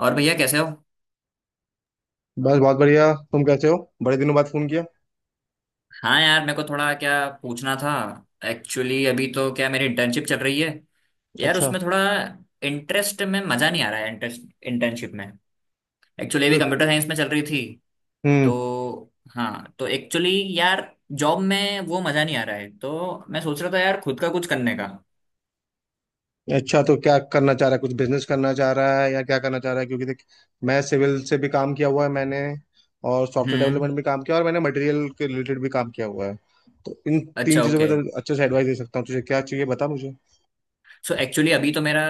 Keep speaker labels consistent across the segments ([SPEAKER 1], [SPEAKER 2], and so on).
[SPEAKER 1] और भैया कैसे हो?
[SPEAKER 2] बस बहुत बढ़िया। तुम कैसे हो? बड़े दिनों बाद फोन किया।
[SPEAKER 1] हाँ यार, मेरे को थोड़ा क्या पूछना था। एक्चुअली अभी तो क्या, मेरी इंटर्नशिप चल रही है। यार
[SPEAKER 2] अच्छा
[SPEAKER 1] उसमें थोड़ा इंटरेस्ट में मज़ा नहीं आ रहा है, इंटरेस्ट इंटर्नशिप में। एक्चुअली अभी
[SPEAKER 2] तो
[SPEAKER 1] कंप्यूटर साइंस में चल रही थी।
[SPEAKER 2] हम्म
[SPEAKER 1] तो हाँ तो एक्चुअली, यार, जॉब में वो मज़ा नहीं आ रहा है, तो मैं सोच रहा था यार, खुद का कुछ करने का।
[SPEAKER 2] अच्छा, तो क्या करना चाह रहा है, कुछ बिजनेस करना चाह रहा है या क्या करना चाह रहा है? क्योंकि देख, मैं सिविल से भी काम किया हुआ है मैंने, और सॉफ्टवेयर
[SPEAKER 1] हम्म।
[SPEAKER 2] डेवलपमेंट भी काम किया, और मैंने मटेरियल के रिलेटेड भी काम किया हुआ है। तो इन तीन
[SPEAKER 1] अच्छा,
[SPEAKER 2] चीज़ों में
[SPEAKER 1] ओके।
[SPEAKER 2] तो अच्छे से एडवाइस दे सकता हूँ, तुझे क्या चाहिए बता मुझे।
[SPEAKER 1] सो एक्चुअली, अभी तो मेरा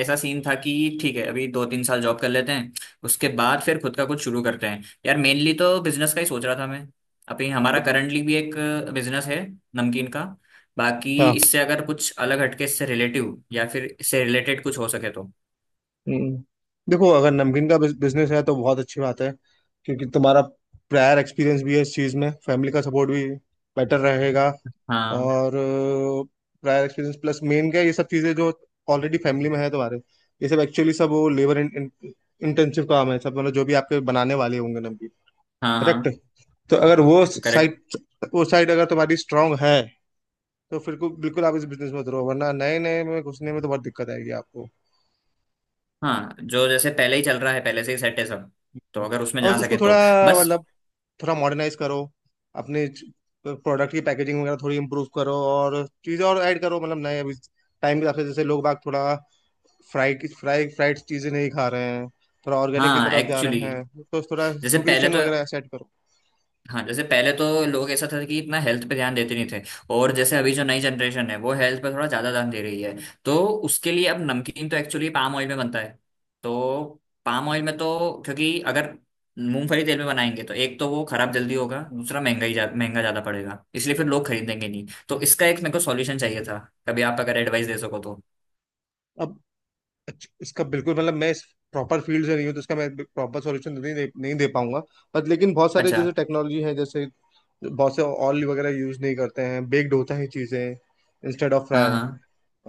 [SPEAKER 1] ऐसा सीन था कि ठीक है, अभी दो तीन साल जॉब कर लेते हैं, उसके बाद फिर खुद का कुछ शुरू करते हैं यार, मेनली तो बिजनेस का ही सोच रहा था मैं। अभी हमारा करंटली भी एक बिजनेस है, नमकीन का। बाकी
[SPEAKER 2] हाँ।
[SPEAKER 1] इससे अगर कुछ अलग हटके, इससे रिलेटिव या फिर इससे रिलेटेड कुछ हो सके तो।
[SPEAKER 2] हम्म, देखो अगर नमकीन का बिजनेस है तो बहुत अच्छी बात है, क्योंकि तुम्हारा प्रायर एक्सपीरियंस भी है इस चीज़ में, फैमिली का सपोर्ट भी, बेटर रहेगा।
[SPEAKER 1] हाँ,
[SPEAKER 2] और प्रायर एक्सपीरियंस प्लस मेन क्या है, ये सब चीज़ें जो ऑलरेडी फैमिली में है तुम्हारे, ये सब एक्चुअली सब वो लेबर इंटेंसिव काम है सब, मतलब जो भी आपके बनाने वाले होंगे नमकीन।
[SPEAKER 1] हाँ,
[SPEAKER 2] करेक्ट।
[SPEAKER 1] हाँ,
[SPEAKER 2] तो अगर वो
[SPEAKER 1] करेक्ट।
[SPEAKER 2] साइड वो साइड अगर तुम्हारी स्ट्रांग है तो फिर को बिल्कुल आप इस बिजनेस में उतरो, वरना नए नए में घुसने में तो बहुत दिक्कत आएगी आपको।
[SPEAKER 1] हाँ, जो जैसे पहले ही चल रहा है, पहले से ही सेट है सब, तो
[SPEAKER 2] हम्म।
[SPEAKER 1] अगर उसमें जा
[SPEAKER 2] और
[SPEAKER 1] सके
[SPEAKER 2] उसको थोड़ा
[SPEAKER 1] तो बस।
[SPEAKER 2] मतलब, थोड़ा मॉडर्नाइज करो अपने प्रोडक्ट की पैकेजिंग वगैरह, थोड़ी इम्प्रूव करो और चीज़ें और ऐड करो, मतलब नए अभी टाइम के हिसाब से, जैसे लोग बाग थोड़ा फ्राई फ्राई फ्राइड चीज़ें नहीं खा रहे हैं, थोड़ा ऑर्गेनिक की
[SPEAKER 1] हाँ
[SPEAKER 2] तरफ जा
[SPEAKER 1] एक्चुअली,
[SPEAKER 2] रहे हैं, तो थोड़ा
[SPEAKER 1] जैसे पहले
[SPEAKER 2] न्यूट्रिशन
[SPEAKER 1] तो
[SPEAKER 2] वगैरह सेट करो।
[SPEAKER 1] हाँ जैसे पहले तो लोग, ऐसा था कि इतना हेल्थ पे ध्यान देते नहीं थे। और जैसे अभी जो नई जनरेशन है, वो हेल्थ पे थोड़ा ज्यादा ध्यान दे रही है। तो उसके लिए अब नमकीन तो एक्चुअली पाम ऑयल में बनता है। तो पाम ऑयल में तो, क्योंकि अगर मूंगफली तेल में बनाएंगे तो एक तो वो खराब जल्दी होगा, दूसरा महंगा ज्यादा पड़ेगा, इसलिए फिर लोग खरीदेंगे नहीं, तो इसका एक मेरे को सॉल्यूशन चाहिए था। कभी आप अगर एडवाइस दे सको तो।
[SPEAKER 2] अब अच्छा, इसका बिल्कुल मतलब मैं इस प्रॉपर फील्ड से नहीं हूँ, तो इसका मैं प्रॉपर सॉल्यूशन नहीं दे पाऊंगा। बट लेकिन बहुत सारे
[SPEAKER 1] अच्छा,
[SPEAKER 2] जैसे टेक्नोलॉजी है, जैसे बहुत से ऑयल वगैरह यूज नहीं करते हैं, बेक्ड होता है चीज़ें, इंस्टेड ऑफ
[SPEAKER 1] हाँ,
[SPEAKER 2] फ्राई।
[SPEAKER 1] हाँ,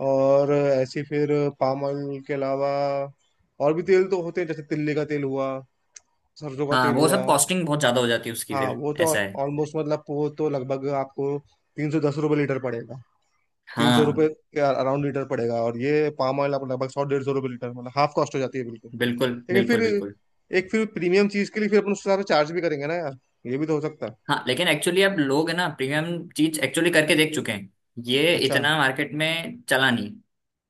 [SPEAKER 2] और ऐसी फिर पाम ऑयल के अलावा और भी तेल तो होते हैं, जैसे तिल्ली का तेल हुआ, सरसों का
[SPEAKER 1] हाँ,
[SPEAKER 2] तेल
[SPEAKER 1] वो
[SPEAKER 2] हुआ।
[SPEAKER 1] सब कॉस्टिंग बहुत ज्यादा हो जाती है उसकी,
[SPEAKER 2] हाँ
[SPEAKER 1] फिर
[SPEAKER 2] वो तो
[SPEAKER 1] ऐसा है।
[SPEAKER 2] ऑलमोस्ट, मतलब वो तो लगभग आपको 310 रुपये लीटर पड़ेगा, 300 रुपये
[SPEAKER 1] हाँ,
[SPEAKER 2] के अराउंड लीटर पड़ेगा। और ये पाम ऑयल आपको लगभग 100-150 रुपये लीटर, मतलब हाफ कॉस्ट हो जाती है बिल्कुल।
[SPEAKER 1] बिल्कुल,
[SPEAKER 2] लेकिन फिर
[SPEAKER 1] बिल्कुल, बिल्कुल।
[SPEAKER 2] एक फिर प्रीमियम चीज़ के लिए फिर अपन उस हिसाब से चार्ज भी करेंगे ना यार, ये भी तो हो सकता है।
[SPEAKER 1] हाँ, लेकिन एक्चुअली अब लोग है ना, प्रीमियम चीज एक्चुअली करके देख चुके हैं। ये
[SPEAKER 2] अच्छा।
[SPEAKER 1] इतना मार्केट में चला नहीं,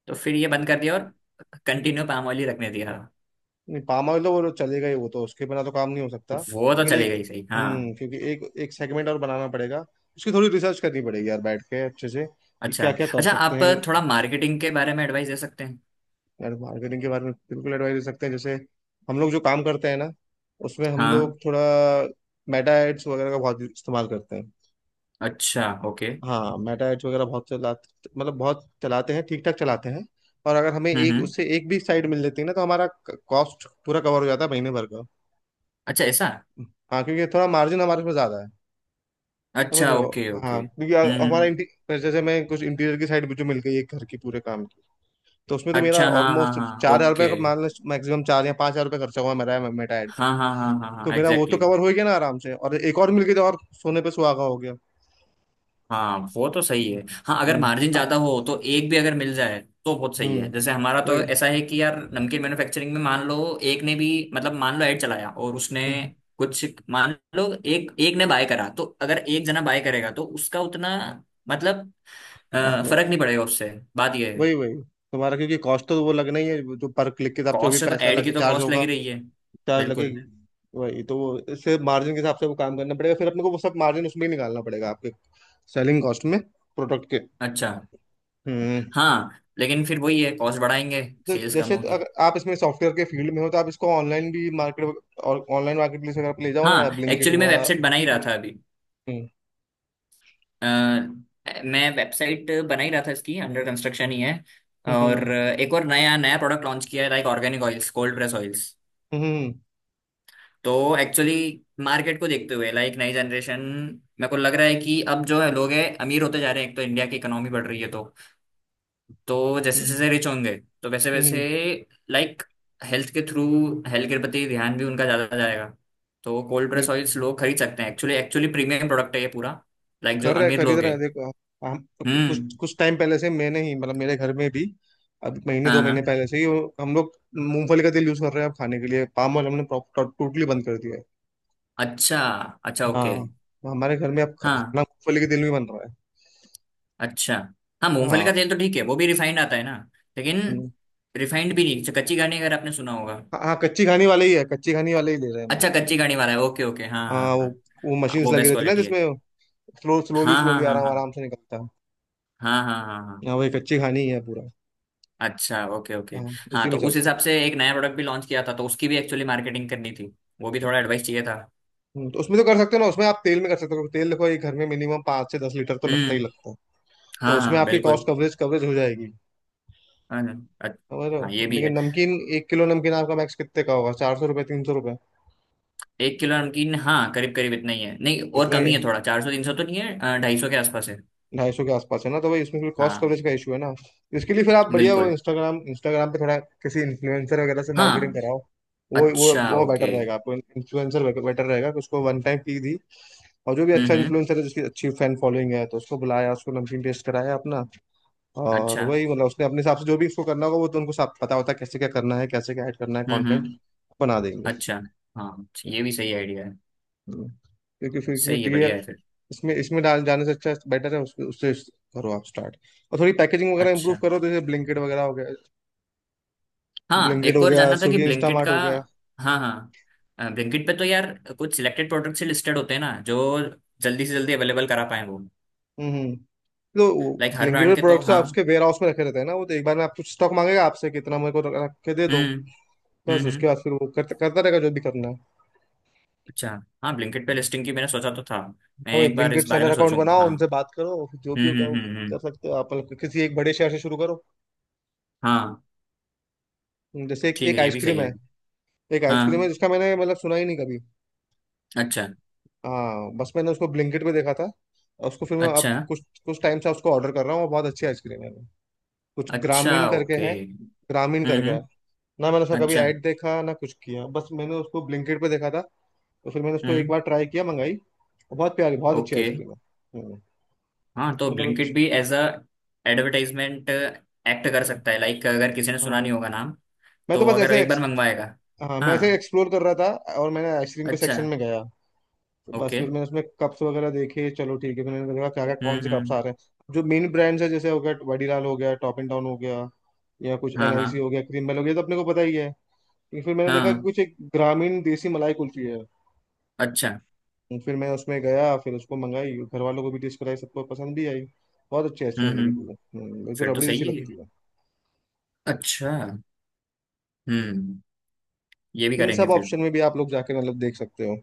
[SPEAKER 1] तो फिर ये बंद कर दिया और कंटिन्यू पाम ऑयल ही रखने दिया।
[SPEAKER 2] नहीं, पाम ऑयल तो वो चलेगा ही, वो तो उसके बिना तो काम नहीं हो सकता,
[SPEAKER 1] वो तो
[SPEAKER 2] लेकिन
[SPEAKER 1] चली
[SPEAKER 2] एक।
[SPEAKER 1] गई सही, हाँ।
[SPEAKER 2] हम्म, क्योंकि एक एक सेगमेंट और बनाना पड़ेगा, उसकी थोड़ी रिसर्च करनी पड़ेगी यार बैठ के अच्छे से, कि
[SPEAKER 1] अच्छा।
[SPEAKER 2] क्या क्या कर
[SPEAKER 1] अच्छा
[SPEAKER 2] सकते
[SPEAKER 1] आप
[SPEAKER 2] हैं।
[SPEAKER 1] थोड़ा मार्केटिंग के बारे में एडवाइस दे सकते हैं?
[SPEAKER 2] यार मार्केटिंग के बारे में बिल्कुल एडवाइस दे सकते हैं, जैसे हम लोग जो काम करते हैं ना, उसमें हम
[SPEAKER 1] हाँ।
[SPEAKER 2] लोग थोड़ा मेटा एड्स वगैरह का बहुत इस्तेमाल करते हैं।
[SPEAKER 1] अच्छा, ओके।
[SPEAKER 2] हाँ मेटा एड्स वगैरह बहुत चलाते, मतलब बहुत चलाते हैं, ठीक ठाक चलाते हैं। और अगर हमें
[SPEAKER 1] हम्म,
[SPEAKER 2] एक
[SPEAKER 1] हम्म।
[SPEAKER 2] उससे एक भी साइड मिल जाती है ना तो हमारा कॉस्ट पूरा कवर हो जाता है महीने भर का।
[SPEAKER 1] अच्छा, ऐसा।
[SPEAKER 2] हाँ क्योंकि थोड़ा मार्जिन हमारे पास ज्यादा है। समझ
[SPEAKER 1] अच्छा,
[SPEAKER 2] रहे हो?
[SPEAKER 1] ओके, ओके,
[SPEAKER 2] हाँ क्योंकि
[SPEAKER 1] हम्म,
[SPEAKER 2] हमारा
[SPEAKER 1] हम्म।
[SPEAKER 2] जैसे मैं कुछ इंटीरियर की साइड मुझे मिल गई एक घर की पूरे काम की, तो उसमें तो मेरा
[SPEAKER 1] अच्छा, हाँ, हाँ,
[SPEAKER 2] ऑलमोस्ट
[SPEAKER 1] हाँ,
[SPEAKER 2] 4,000 रुपये
[SPEAKER 1] ओके।
[SPEAKER 2] का मान लो मैक्सिमम 4 या 5 हजार रुपये खर्चा हुआ मेरा मेटा ऐड पे।
[SPEAKER 1] हाँ, हाँ, हाँ, हाँ, हाँ,
[SPEAKER 2] तो मेरा वो तो
[SPEAKER 1] एग्जैक्टली।
[SPEAKER 2] कवर हो ही गया ना आराम से, और एक और मिल गई तो और सोने पे सुहागा हो गया।
[SPEAKER 1] हाँ, वो तो सही है। हाँ, अगर
[SPEAKER 2] हम्म।
[SPEAKER 1] मार्जिन ज्यादा हो तो एक भी अगर मिल जाए तो बहुत सही है।
[SPEAKER 2] हम्म।
[SPEAKER 1] जैसे हमारा तो
[SPEAKER 2] वही।
[SPEAKER 1] ऐसा है कि यार, नमकीन मैन्युफैक्चरिंग में मान लो एक ने भी, मतलब मान लो ऐड चलाया और उसने
[SPEAKER 2] हम्म,
[SPEAKER 1] कुछ, मान लो एक एक ने बाय करा, तो अगर एक जना बाय करेगा तो उसका उतना, मतलब
[SPEAKER 2] हाँ
[SPEAKER 1] फर्क
[SPEAKER 2] वही
[SPEAKER 1] नहीं पड़ेगा उससे। बात ये है,
[SPEAKER 2] वही। वही तुम्हारा, क्योंकि कॉस्ट तो वो लगना ही है जो पर क्लिक के हिसाब से वो भी
[SPEAKER 1] कॉस्ट से तो,
[SPEAKER 2] पैसा
[SPEAKER 1] ऐड की
[SPEAKER 2] लगे
[SPEAKER 1] तो
[SPEAKER 2] चार्ज
[SPEAKER 1] कॉस्ट
[SPEAKER 2] होगा,
[SPEAKER 1] लगी रही है।
[SPEAKER 2] चार्ज
[SPEAKER 1] बिल्कुल।
[SPEAKER 2] लगेगी। वही, तो वो इससे मार्जिन के हिसाब से वो काम करना पड़ेगा फिर, अपने को वो सब मार्जिन उसमें ही निकालना पड़ेगा आपके सेलिंग कॉस्ट में, प्रोडक्ट के।
[SPEAKER 1] अच्छा।
[SPEAKER 2] हम्म।
[SPEAKER 1] हाँ, लेकिन फिर वही है, कॉस्ट बढ़ाएंगे,
[SPEAKER 2] तो
[SPEAKER 1] सेल्स कम
[SPEAKER 2] जैसे, तो
[SPEAKER 1] होगी।
[SPEAKER 2] अगर आप इसमें सॉफ्टवेयर के फील्ड में हो तो आप इसको ऑनलाइन भी मार्केट, और ऑनलाइन मार्केट प्लेस अगर आप ले जाओ ना, या
[SPEAKER 1] हाँ
[SPEAKER 2] ब्लिंकिट
[SPEAKER 1] एक्चुअली, मैं
[SPEAKER 2] हुआ।
[SPEAKER 1] वेबसाइट बना ही रहा
[SPEAKER 2] हम्म।
[SPEAKER 1] था अभी।
[SPEAKER 2] हम्म।
[SPEAKER 1] अ, मैं वेबसाइट बना ही रहा था, इसकी अंडर कंस्ट्रक्शन ही है।
[SPEAKER 2] हम्म।
[SPEAKER 1] और एक और नया नया प्रोडक्ट लॉन्च किया है, like organic oils, cold press oils.
[SPEAKER 2] हम्म।
[SPEAKER 1] तो एक्चुअली, मार्केट को देखते हुए लाइक नई जनरेशन, मेरे को लग रहा है कि अब जो है, लोग हैं, अमीर होते जा रहे हैं। एक तो इंडिया की इकोनॉमी बढ़ रही है, तो जैसे
[SPEAKER 2] हम्म,
[SPEAKER 1] जैसे रिच होंगे, तो वैसे वैसे
[SPEAKER 2] हम्म,
[SPEAKER 1] लाइक हेल्थ के थ्रू हेल्थ के प्रति ध्यान भी उनका ज़्यादा जाएगा। तो कोल्ड प्रेस
[SPEAKER 2] बिल-
[SPEAKER 1] ऑयल्स लोग खरीद सकते हैं एक्चुअली एक्चुअली प्रीमियम प्रोडक्ट है ये पूरा, लाइक जो
[SPEAKER 2] कर रहे,
[SPEAKER 1] अमीर
[SPEAKER 2] खरीद
[SPEAKER 1] लोग
[SPEAKER 2] रहे
[SPEAKER 1] हैं।
[SPEAKER 2] हैं देखो आप। हम कुछ
[SPEAKER 1] हम्म,
[SPEAKER 2] कुछ टाइम पहले से, मैंने ही मतलब मेरे घर में भी अब महीने
[SPEAKER 1] हाँ,
[SPEAKER 2] 2 महीने
[SPEAKER 1] हाँ।
[SPEAKER 2] पहले से ही हम लोग मूंगफली का तेल यूज कर रहे हैं अब खाने के लिए, पाम ऑयल हमने टोटली बंद कर दिया है।
[SPEAKER 1] अच्छा, अच्छा, ओके।
[SPEAKER 2] हाँ। हमारे घर में अब
[SPEAKER 1] हाँ,
[SPEAKER 2] खाना मूंगफली के तेल में बन रहा है।
[SPEAKER 1] अच्छा। हाँ, मूंगफली का तेल तो ठीक है, वो भी रिफाइंड आता है ना? लेकिन
[SPEAKER 2] हाँ
[SPEAKER 1] रिफाइंड भी नहीं, अच्छा, कच्ची घानी अगर आपने सुना होगा।
[SPEAKER 2] हाँ हाँ, कच्ची घानी वाले ही है, कच्ची घानी वाले ही ले रहे हैं हम लोग।
[SPEAKER 1] अच्छा, कच्ची घानी वाला है, ओके, ओके, हाँ, हाँ,
[SPEAKER 2] हाँ वो
[SPEAKER 1] हाँ।
[SPEAKER 2] वो
[SPEAKER 1] हाँ,
[SPEAKER 2] मशीन्स
[SPEAKER 1] वो
[SPEAKER 2] लगी
[SPEAKER 1] बेस्ट
[SPEAKER 2] रहती है ना
[SPEAKER 1] क्वालिटी है।
[SPEAKER 2] जिसमें स्लोली
[SPEAKER 1] हाँ, हाँ,
[SPEAKER 2] स्लोली
[SPEAKER 1] हाँ,
[SPEAKER 2] आराम
[SPEAKER 1] हाँ।
[SPEAKER 2] आराम से निकलता है।
[SPEAKER 1] हाँ, हाँ, हाँ, हाँ,
[SPEAKER 2] हाँ
[SPEAKER 1] हाँ।
[SPEAKER 2] वही कच्ची घानी ही है पूरा।
[SPEAKER 1] अच्छा, ओके, ओके।
[SPEAKER 2] हाँ
[SPEAKER 1] हाँ,
[SPEAKER 2] उसी
[SPEAKER 1] तो
[SPEAKER 2] में चल
[SPEAKER 1] उस
[SPEAKER 2] रहे हैं।
[SPEAKER 1] हिसाब से एक नया प्रोडक्ट भी लॉन्च किया था, तो उसकी भी एक्चुअली मार्केटिंग करनी थी, वो भी थोड़ा एडवाइस चाहिए था।
[SPEAKER 2] तो उसमें तो कर सकते हो ना, उसमें आप तेल में कर सकते हो, तेल देखो एक घर में मिनिमम 5 से 10 लीटर तो लगता ही
[SPEAKER 1] हम्म,
[SPEAKER 2] लगता है, तो
[SPEAKER 1] हाँ, हाँ,
[SPEAKER 2] उसमें
[SPEAKER 1] हाँ,
[SPEAKER 2] आपकी कॉस्ट
[SPEAKER 1] बिल्कुल।
[SPEAKER 2] कवरेज कवरेज हो जाएगी।
[SPEAKER 1] हाँ, अच्छा,
[SPEAKER 2] समझ रहे
[SPEAKER 1] हाँ,
[SPEAKER 2] हो?
[SPEAKER 1] ये भी है।
[SPEAKER 2] लेकिन नमकीन, 1 किलो नमकीन आपका मैक्स कितने का होगा, 400 रुपये, 300 रुपये?
[SPEAKER 1] एक किलो नमकीन, हाँ, करीब करीब इतना ही है, नहीं और
[SPEAKER 2] इतना
[SPEAKER 1] कम
[SPEAKER 2] ही।
[SPEAKER 1] ही है थोड़ा, चार सौ तीन सौ तो नहीं है, ढाई सौ के आसपास है।
[SPEAKER 2] 250 के आसपास है ना, तो भाई उसमें फिर कॉस्ट
[SPEAKER 1] हाँ,
[SPEAKER 2] कवरेज का इशू है ना। इसके लिए फिर आप बढ़िया वो
[SPEAKER 1] बिल्कुल।
[SPEAKER 2] इंस्टाग्राम इंस्टाग्राम पे थोड़ा किसी इन्फ्लुएंसर वगैरह से मार्केटिंग
[SPEAKER 1] हाँ,
[SPEAKER 2] कराओ। वो वो
[SPEAKER 1] अच्छा,
[SPEAKER 2] वो बेटर
[SPEAKER 1] ओके,
[SPEAKER 2] रहेगा आपको, इन्फ्लुएंसर बेटर रहेगा, कि उसको वन टाइम फी दी, और जो भी
[SPEAKER 1] हम्म,
[SPEAKER 2] अच्छा
[SPEAKER 1] हम्म।
[SPEAKER 2] इन्फ्लुएंसर है जिसकी अच्छी फैन फॉलोइंग है तो उसको बुलाया, उसको नमकीन टेस्ट कराया अपना, और
[SPEAKER 1] अच्छा,
[SPEAKER 2] वही, मतलब उसने अपने हिसाब से जो भी उसको करना होगा, वो तो उनको सब पता होता है कैसे क्या करना है, कैसे क्या ऐड करना है,
[SPEAKER 1] हम्म,
[SPEAKER 2] कंटेंट
[SPEAKER 1] हम्म।
[SPEAKER 2] बना देंगे।
[SPEAKER 1] अच्छा, हाँ, ये भी सही आइडिया है।
[SPEAKER 2] हम्म। क्योंकि फिर
[SPEAKER 1] सही है,
[SPEAKER 2] क्योंकि ये
[SPEAKER 1] बढ़िया है फिर।
[SPEAKER 2] इसमें इसमें डाल जाने से अच्छा बेटर है, उसके उससे करो आप स्टार्ट। और थोड़ी पैकेजिंग वगैरह इंप्रूव
[SPEAKER 1] अच्छा,
[SPEAKER 2] करो, तो जैसे ब्लिंकिट वगैरह हो गया,
[SPEAKER 1] हाँ,
[SPEAKER 2] ब्लिंकिट
[SPEAKER 1] एक
[SPEAKER 2] हो
[SPEAKER 1] और
[SPEAKER 2] गया,
[SPEAKER 1] जानना था कि
[SPEAKER 2] स्विगी
[SPEAKER 1] ब्लिंकिट
[SPEAKER 2] इंस्टामार्ट
[SPEAKER 1] का।
[SPEAKER 2] हो गया।
[SPEAKER 1] हाँ, हाँ, ब्लिंकिट पे तो यार, कुछ सिलेक्टेड प्रोडक्ट्स ही लिस्टेड होते हैं ना, जो जल्दी से जल्दी अवेलेबल करा पाए वो।
[SPEAKER 2] हम्म। तो
[SPEAKER 1] लाइक हर
[SPEAKER 2] ब्लिंकिट
[SPEAKER 1] ब्रांड
[SPEAKER 2] पर
[SPEAKER 1] के, तो
[SPEAKER 2] प्रोडक्ट्स
[SPEAKER 1] हाँ।
[SPEAKER 2] आपके वेयर हाउस में रखे रहते हैं ना, वो तो एक बार में आप कुछ स्टॉक मांगेगा आपसे कितना, मेरे को रख के दे दो,
[SPEAKER 1] हम्म,
[SPEAKER 2] बस
[SPEAKER 1] हम्म, हम्म।
[SPEAKER 2] उसके बाद फिर वो करता करता रहेगा जो भी करना है।
[SPEAKER 1] अच्छा, हाँ, ब्लिंकिट पे लिस्टिंग की मैंने सोचा तो था। मैं
[SPEAKER 2] हाँ भाई,
[SPEAKER 1] एक बार इस
[SPEAKER 2] ब्लिंकिट
[SPEAKER 1] बारे
[SPEAKER 2] सेलर
[SPEAKER 1] में
[SPEAKER 2] अकाउंट
[SPEAKER 1] सोचूंगा,
[SPEAKER 2] बनाओ,
[SPEAKER 1] हाँ।
[SPEAKER 2] उनसे बात करो, जो भी
[SPEAKER 1] हम्म,
[SPEAKER 2] होगा वो।
[SPEAKER 1] हम्म, हम्म,
[SPEAKER 2] कर सकते हो आप, मतलब किसी एक बड़े शहर से शुरू करो।
[SPEAKER 1] हाँ,
[SPEAKER 2] जैसे एक
[SPEAKER 1] ठीक
[SPEAKER 2] एक
[SPEAKER 1] है, ये भी सही
[SPEAKER 2] आइसक्रीम
[SPEAKER 1] है।
[SPEAKER 2] है, एक आइसक्रीम है
[SPEAKER 1] हाँ।
[SPEAKER 2] जिसका मैंने मतलब सुना ही नहीं कभी।
[SPEAKER 1] अच्छा,
[SPEAKER 2] हाँ बस मैंने उसको ब्लिंकिट पे देखा था, और उसको फिर मैं
[SPEAKER 1] अच्छा,
[SPEAKER 2] अब कुछ कुछ टाइम से उसको ऑर्डर कर रहा हूँ, और बहुत अच्छी आइसक्रीम है वो। कुछ
[SPEAKER 1] अच्छा,
[SPEAKER 2] ग्रामीण करके
[SPEAKER 1] ओके,
[SPEAKER 2] है। ग्रामीण
[SPEAKER 1] हम्म,
[SPEAKER 2] करके है। ना मैंने उसका कभी
[SPEAKER 1] अच्छा,
[SPEAKER 2] ऐड देखा ना कुछ किया, बस मैंने उसको ब्लिंकिट पे देखा था, तो फिर मैंने उसको एक
[SPEAKER 1] हम्म,
[SPEAKER 2] बार ट्राई किया, मंगाई, और बहुत प्यारी बहुत अच्छी
[SPEAKER 1] ओके।
[SPEAKER 2] आइसक्रीम है। हम्म,
[SPEAKER 1] हाँ, तो
[SPEAKER 2] मतलब
[SPEAKER 1] ब्लिंकिट
[SPEAKER 2] एक-
[SPEAKER 1] भी एज अ एडवर्टाइजमेंट एक्ट कर
[SPEAKER 2] हम्म,
[SPEAKER 1] सकता है, लाइक अगर किसी ने सुना नहीं
[SPEAKER 2] हाँ।
[SPEAKER 1] होगा नाम,
[SPEAKER 2] मैं तो
[SPEAKER 1] तो
[SPEAKER 2] बस
[SPEAKER 1] अगर
[SPEAKER 2] ऐसे
[SPEAKER 1] एक बार
[SPEAKER 2] ex-
[SPEAKER 1] मंगवाएगा।
[SPEAKER 2] हाँ मैं ऐसे
[SPEAKER 1] हाँ,
[SPEAKER 2] एक्सप्लोर कर रहा था, और मैंने आइसक्रीम के
[SPEAKER 1] अच्छा,
[SPEAKER 2] सेक्शन में गया, तो बस
[SPEAKER 1] ओके,
[SPEAKER 2] फिर मैंने उसमें कप्स वगैरह देखे, चलो ठीक है, फिर मैंने देखा क्या क्या कौन
[SPEAKER 1] हम्म,
[SPEAKER 2] से कप्स आ
[SPEAKER 1] हम्म।
[SPEAKER 2] रहे हैं जो मेन ब्रांड्स है, जैसे हो गया वाडीलाल हो गया, टॉप एंड डाउन हो गया, या कुछ
[SPEAKER 1] हाँ, हाँ,
[SPEAKER 2] एनआईसी हो गया, क्रीमबेल हो गया, ये तो अपने को पता ही है। लेकिन फिर मैंने देखा कि
[SPEAKER 1] हाँ,
[SPEAKER 2] कुछ एक ग्रामीण देसी मलाई कुल्फी है,
[SPEAKER 1] अच्छा,
[SPEAKER 2] तो फिर मैं उसमें गया, फिर उसको मंगाई, घर वालों को भी टेस्ट कराई, सबको पसंद भी आई। बहुत अच्छी
[SPEAKER 1] हम्म,
[SPEAKER 2] आइसक्रीम लगी थी
[SPEAKER 1] हम्म,
[SPEAKER 2] वो। बिल्कुल
[SPEAKER 1] फिर तो
[SPEAKER 2] रबड़ी
[SPEAKER 1] सही
[SPEAKER 2] जैसी
[SPEAKER 1] है ये।
[SPEAKER 2] लगती है।
[SPEAKER 1] अच्छा, हम्म, ये भी
[SPEAKER 2] इन
[SPEAKER 1] करेंगे
[SPEAKER 2] सब
[SPEAKER 1] फिर।
[SPEAKER 2] ऑप्शन में भी आप लोग जाके मतलब देख सकते हो।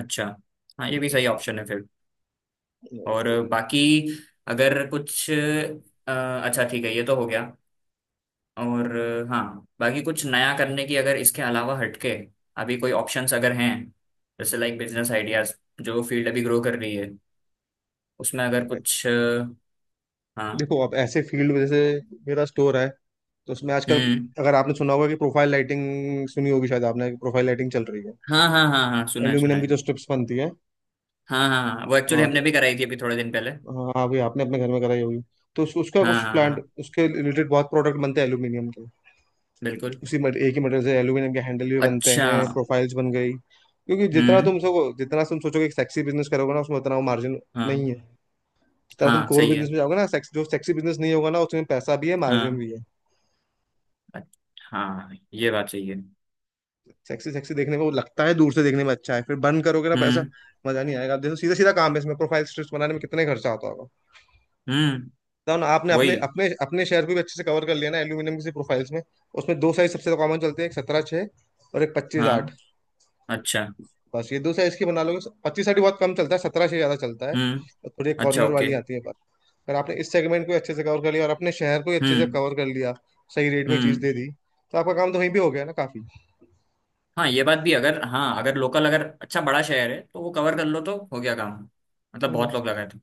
[SPEAKER 1] अच्छा, हाँ, ये भी
[SPEAKER 2] हम्म,
[SPEAKER 1] सही ऑप्शन है फिर। और
[SPEAKER 2] तो,
[SPEAKER 1] बाकी, अगर कुछ अच्छा ठीक है, ये तो हो गया। और हाँ, बाकी कुछ नया करने की अगर इसके अलावा हटके, अभी कोई ऑप्शंस अगर हैं, जैसे लाइक बिजनेस आइडियाज, जो फील्ड अभी ग्रो कर रही है, उसमें अगर कुछ हाँ,
[SPEAKER 2] देखो आप ऐसे फील्ड में, जैसे मेरा स्टोर है, तो उसमें आजकल,
[SPEAKER 1] हम्म,
[SPEAKER 2] अगर आपने सुना होगा कि प्रोफाइल लाइटिंग, सुनी होगी शायद आपने, कि प्रोफाइल लाइटिंग चल रही है,
[SPEAKER 1] हाँ, हाँ, हाँ, हाँ, सुना है, सुना
[SPEAKER 2] एल्यूमिनियम की
[SPEAKER 1] है।
[SPEAKER 2] जो स्ट्रिप्स बनती है।
[SPEAKER 1] हाँ, हाँ, हाँ, वो एक्चुअली
[SPEAKER 2] हाँ
[SPEAKER 1] हमने
[SPEAKER 2] तो,
[SPEAKER 1] भी कराई थी अभी थोड़े दिन पहले।
[SPEAKER 2] हाँ भाई आपने अपने घर में कराई होगी। तो उसका
[SPEAKER 1] हाँ,
[SPEAKER 2] कुछ
[SPEAKER 1] हाँ,
[SPEAKER 2] प्लांट,
[SPEAKER 1] हाँ,
[SPEAKER 2] उसके रिलेटेड बहुत प्रोडक्ट बनते हैं एल्यूमिनियम के।
[SPEAKER 1] बिल्कुल।
[SPEAKER 2] एक ही मटेरियल से एल्यूमिनियम के हैंडल भी बनते
[SPEAKER 1] अच्छा,
[SPEAKER 2] हैं, प्रोफाइल्स बन गई, क्योंकि
[SPEAKER 1] हम्म,
[SPEAKER 2] जितना तुम सोचोगे कि सेक्सी बिजनेस करोगे ना उसमें उतना वो मार्जिन
[SPEAKER 1] हाँ,
[SPEAKER 2] नहीं है। जितना तुम
[SPEAKER 1] हाँ,
[SPEAKER 2] कोर
[SPEAKER 1] सही
[SPEAKER 2] बिजनेस
[SPEAKER 1] है।
[SPEAKER 2] में जाओगे ना, सेक्स जो सेक्सी बिजनेस नहीं होगा ना उसमें पैसा भी है मार्जिन
[SPEAKER 1] हाँ,
[SPEAKER 2] भी है।
[SPEAKER 1] अच्छ- हाँ, ये बात सही है।
[SPEAKER 2] सेक्सी सेक्सी देखने में वो लगता है, दूर से देखने में अच्छा है, फिर बर्न करोगे ना पैसा,
[SPEAKER 1] हम्म,
[SPEAKER 2] मजा नहीं आएगा। आप देखो सीधा सीधा काम है, इसमें प्रोफाइल स्ट्रिप्स बनाने में कितने खर्चा आता होगा?
[SPEAKER 1] हम्म,
[SPEAKER 2] तो ना आपने अपने
[SPEAKER 1] वही।
[SPEAKER 2] अपने अपने शहर को भी अच्छे से कवर कर लिया ना एल्यूमिनियम की प्रोफाइल्स में। उसमें 2 साइज सबसे कॉमन चलते हैं, एक 17-6 और एक 25-8।
[SPEAKER 1] हाँ, अच्छा,
[SPEAKER 2] बस ये 2 साइज की बना लोगे, 25-8 बहुत कम चलता है, 17-6 ज़्यादा चलता है।
[SPEAKER 1] हम्म,
[SPEAKER 2] और थोड़ी
[SPEAKER 1] अच्छा,
[SPEAKER 2] कॉर्नर वाली
[SPEAKER 1] ओके,
[SPEAKER 2] आती है बस। अगर आपने इस सेगमेंट को अच्छे से कवर कर लिया और अपने शहर को ही अच्छे से
[SPEAKER 1] हम्म,
[SPEAKER 2] कवर कर लिया, सही रेट में चीज़
[SPEAKER 1] हम्म।
[SPEAKER 2] दे दी, तो आपका काम तो वहीं भी हो गया ना।
[SPEAKER 1] हाँ, ये बात भी, अगर, हाँ, अगर लोकल, अगर अच्छा बड़ा शहर है तो वो कवर कर लो तो हो गया काम। मतलब बहुत लोग
[SPEAKER 2] काफ़ी।
[SPEAKER 1] लगाए थे।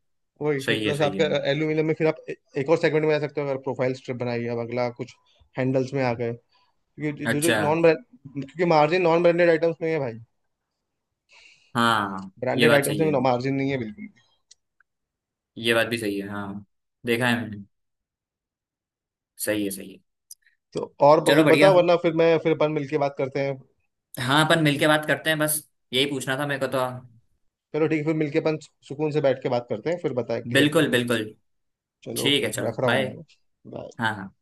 [SPEAKER 2] वही फिर
[SPEAKER 1] सही है,
[SPEAKER 2] प्लस
[SPEAKER 1] सही
[SPEAKER 2] आपका
[SPEAKER 1] है।
[SPEAKER 2] एल्यूमिनियम में फिर आप एक और सेगमेंट में आ सकते हो, अगर प्रोफाइल स्ट्रिप बनाई अब अगला कुछ, हैंडल्स में आ गए, क्योंकि जो जो
[SPEAKER 1] अच्छा,
[SPEAKER 2] नॉन ब्रांड, क्योंकि मार्जिन नॉन ब्रांडेड आइटम्स में ही है भाई,
[SPEAKER 1] हाँ, ये
[SPEAKER 2] ब्रांडेड
[SPEAKER 1] बात
[SPEAKER 2] आइटम्स
[SPEAKER 1] सही है।
[SPEAKER 2] में मार्जिन नहीं है बिल्कुल भी।
[SPEAKER 1] ये बात भी सही है, हाँ। देखा है मैंने। सही है, सही है।
[SPEAKER 2] तो और
[SPEAKER 1] चलो
[SPEAKER 2] कुछ
[SPEAKER 1] बढ़िया।
[SPEAKER 2] बताओ, वरना फिर मैं, फिर अपन मिलके बात करते हैं।
[SPEAKER 1] हाँ, अपन मिलके बात करते हैं बस, यही पूछना था मेरे को तो।
[SPEAKER 2] चलो ठीक है, फिर मिलके अपन सुकून से बैठ के बात करते हैं, फिर बताए क्लियर
[SPEAKER 1] बिल्कुल,
[SPEAKER 2] करना चीज़।
[SPEAKER 1] बिल्कुल।
[SPEAKER 2] चलो
[SPEAKER 1] ठीक
[SPEAKER 2] ओके,
[SPEAKER 1] है, चलो
[SPEAKER 2] रख रहा हूँ
[SPEAKER 1] बाय।
[SPEAKER 2] मैं। बाय।
[SPEAKER 1] हाँ, हाँ।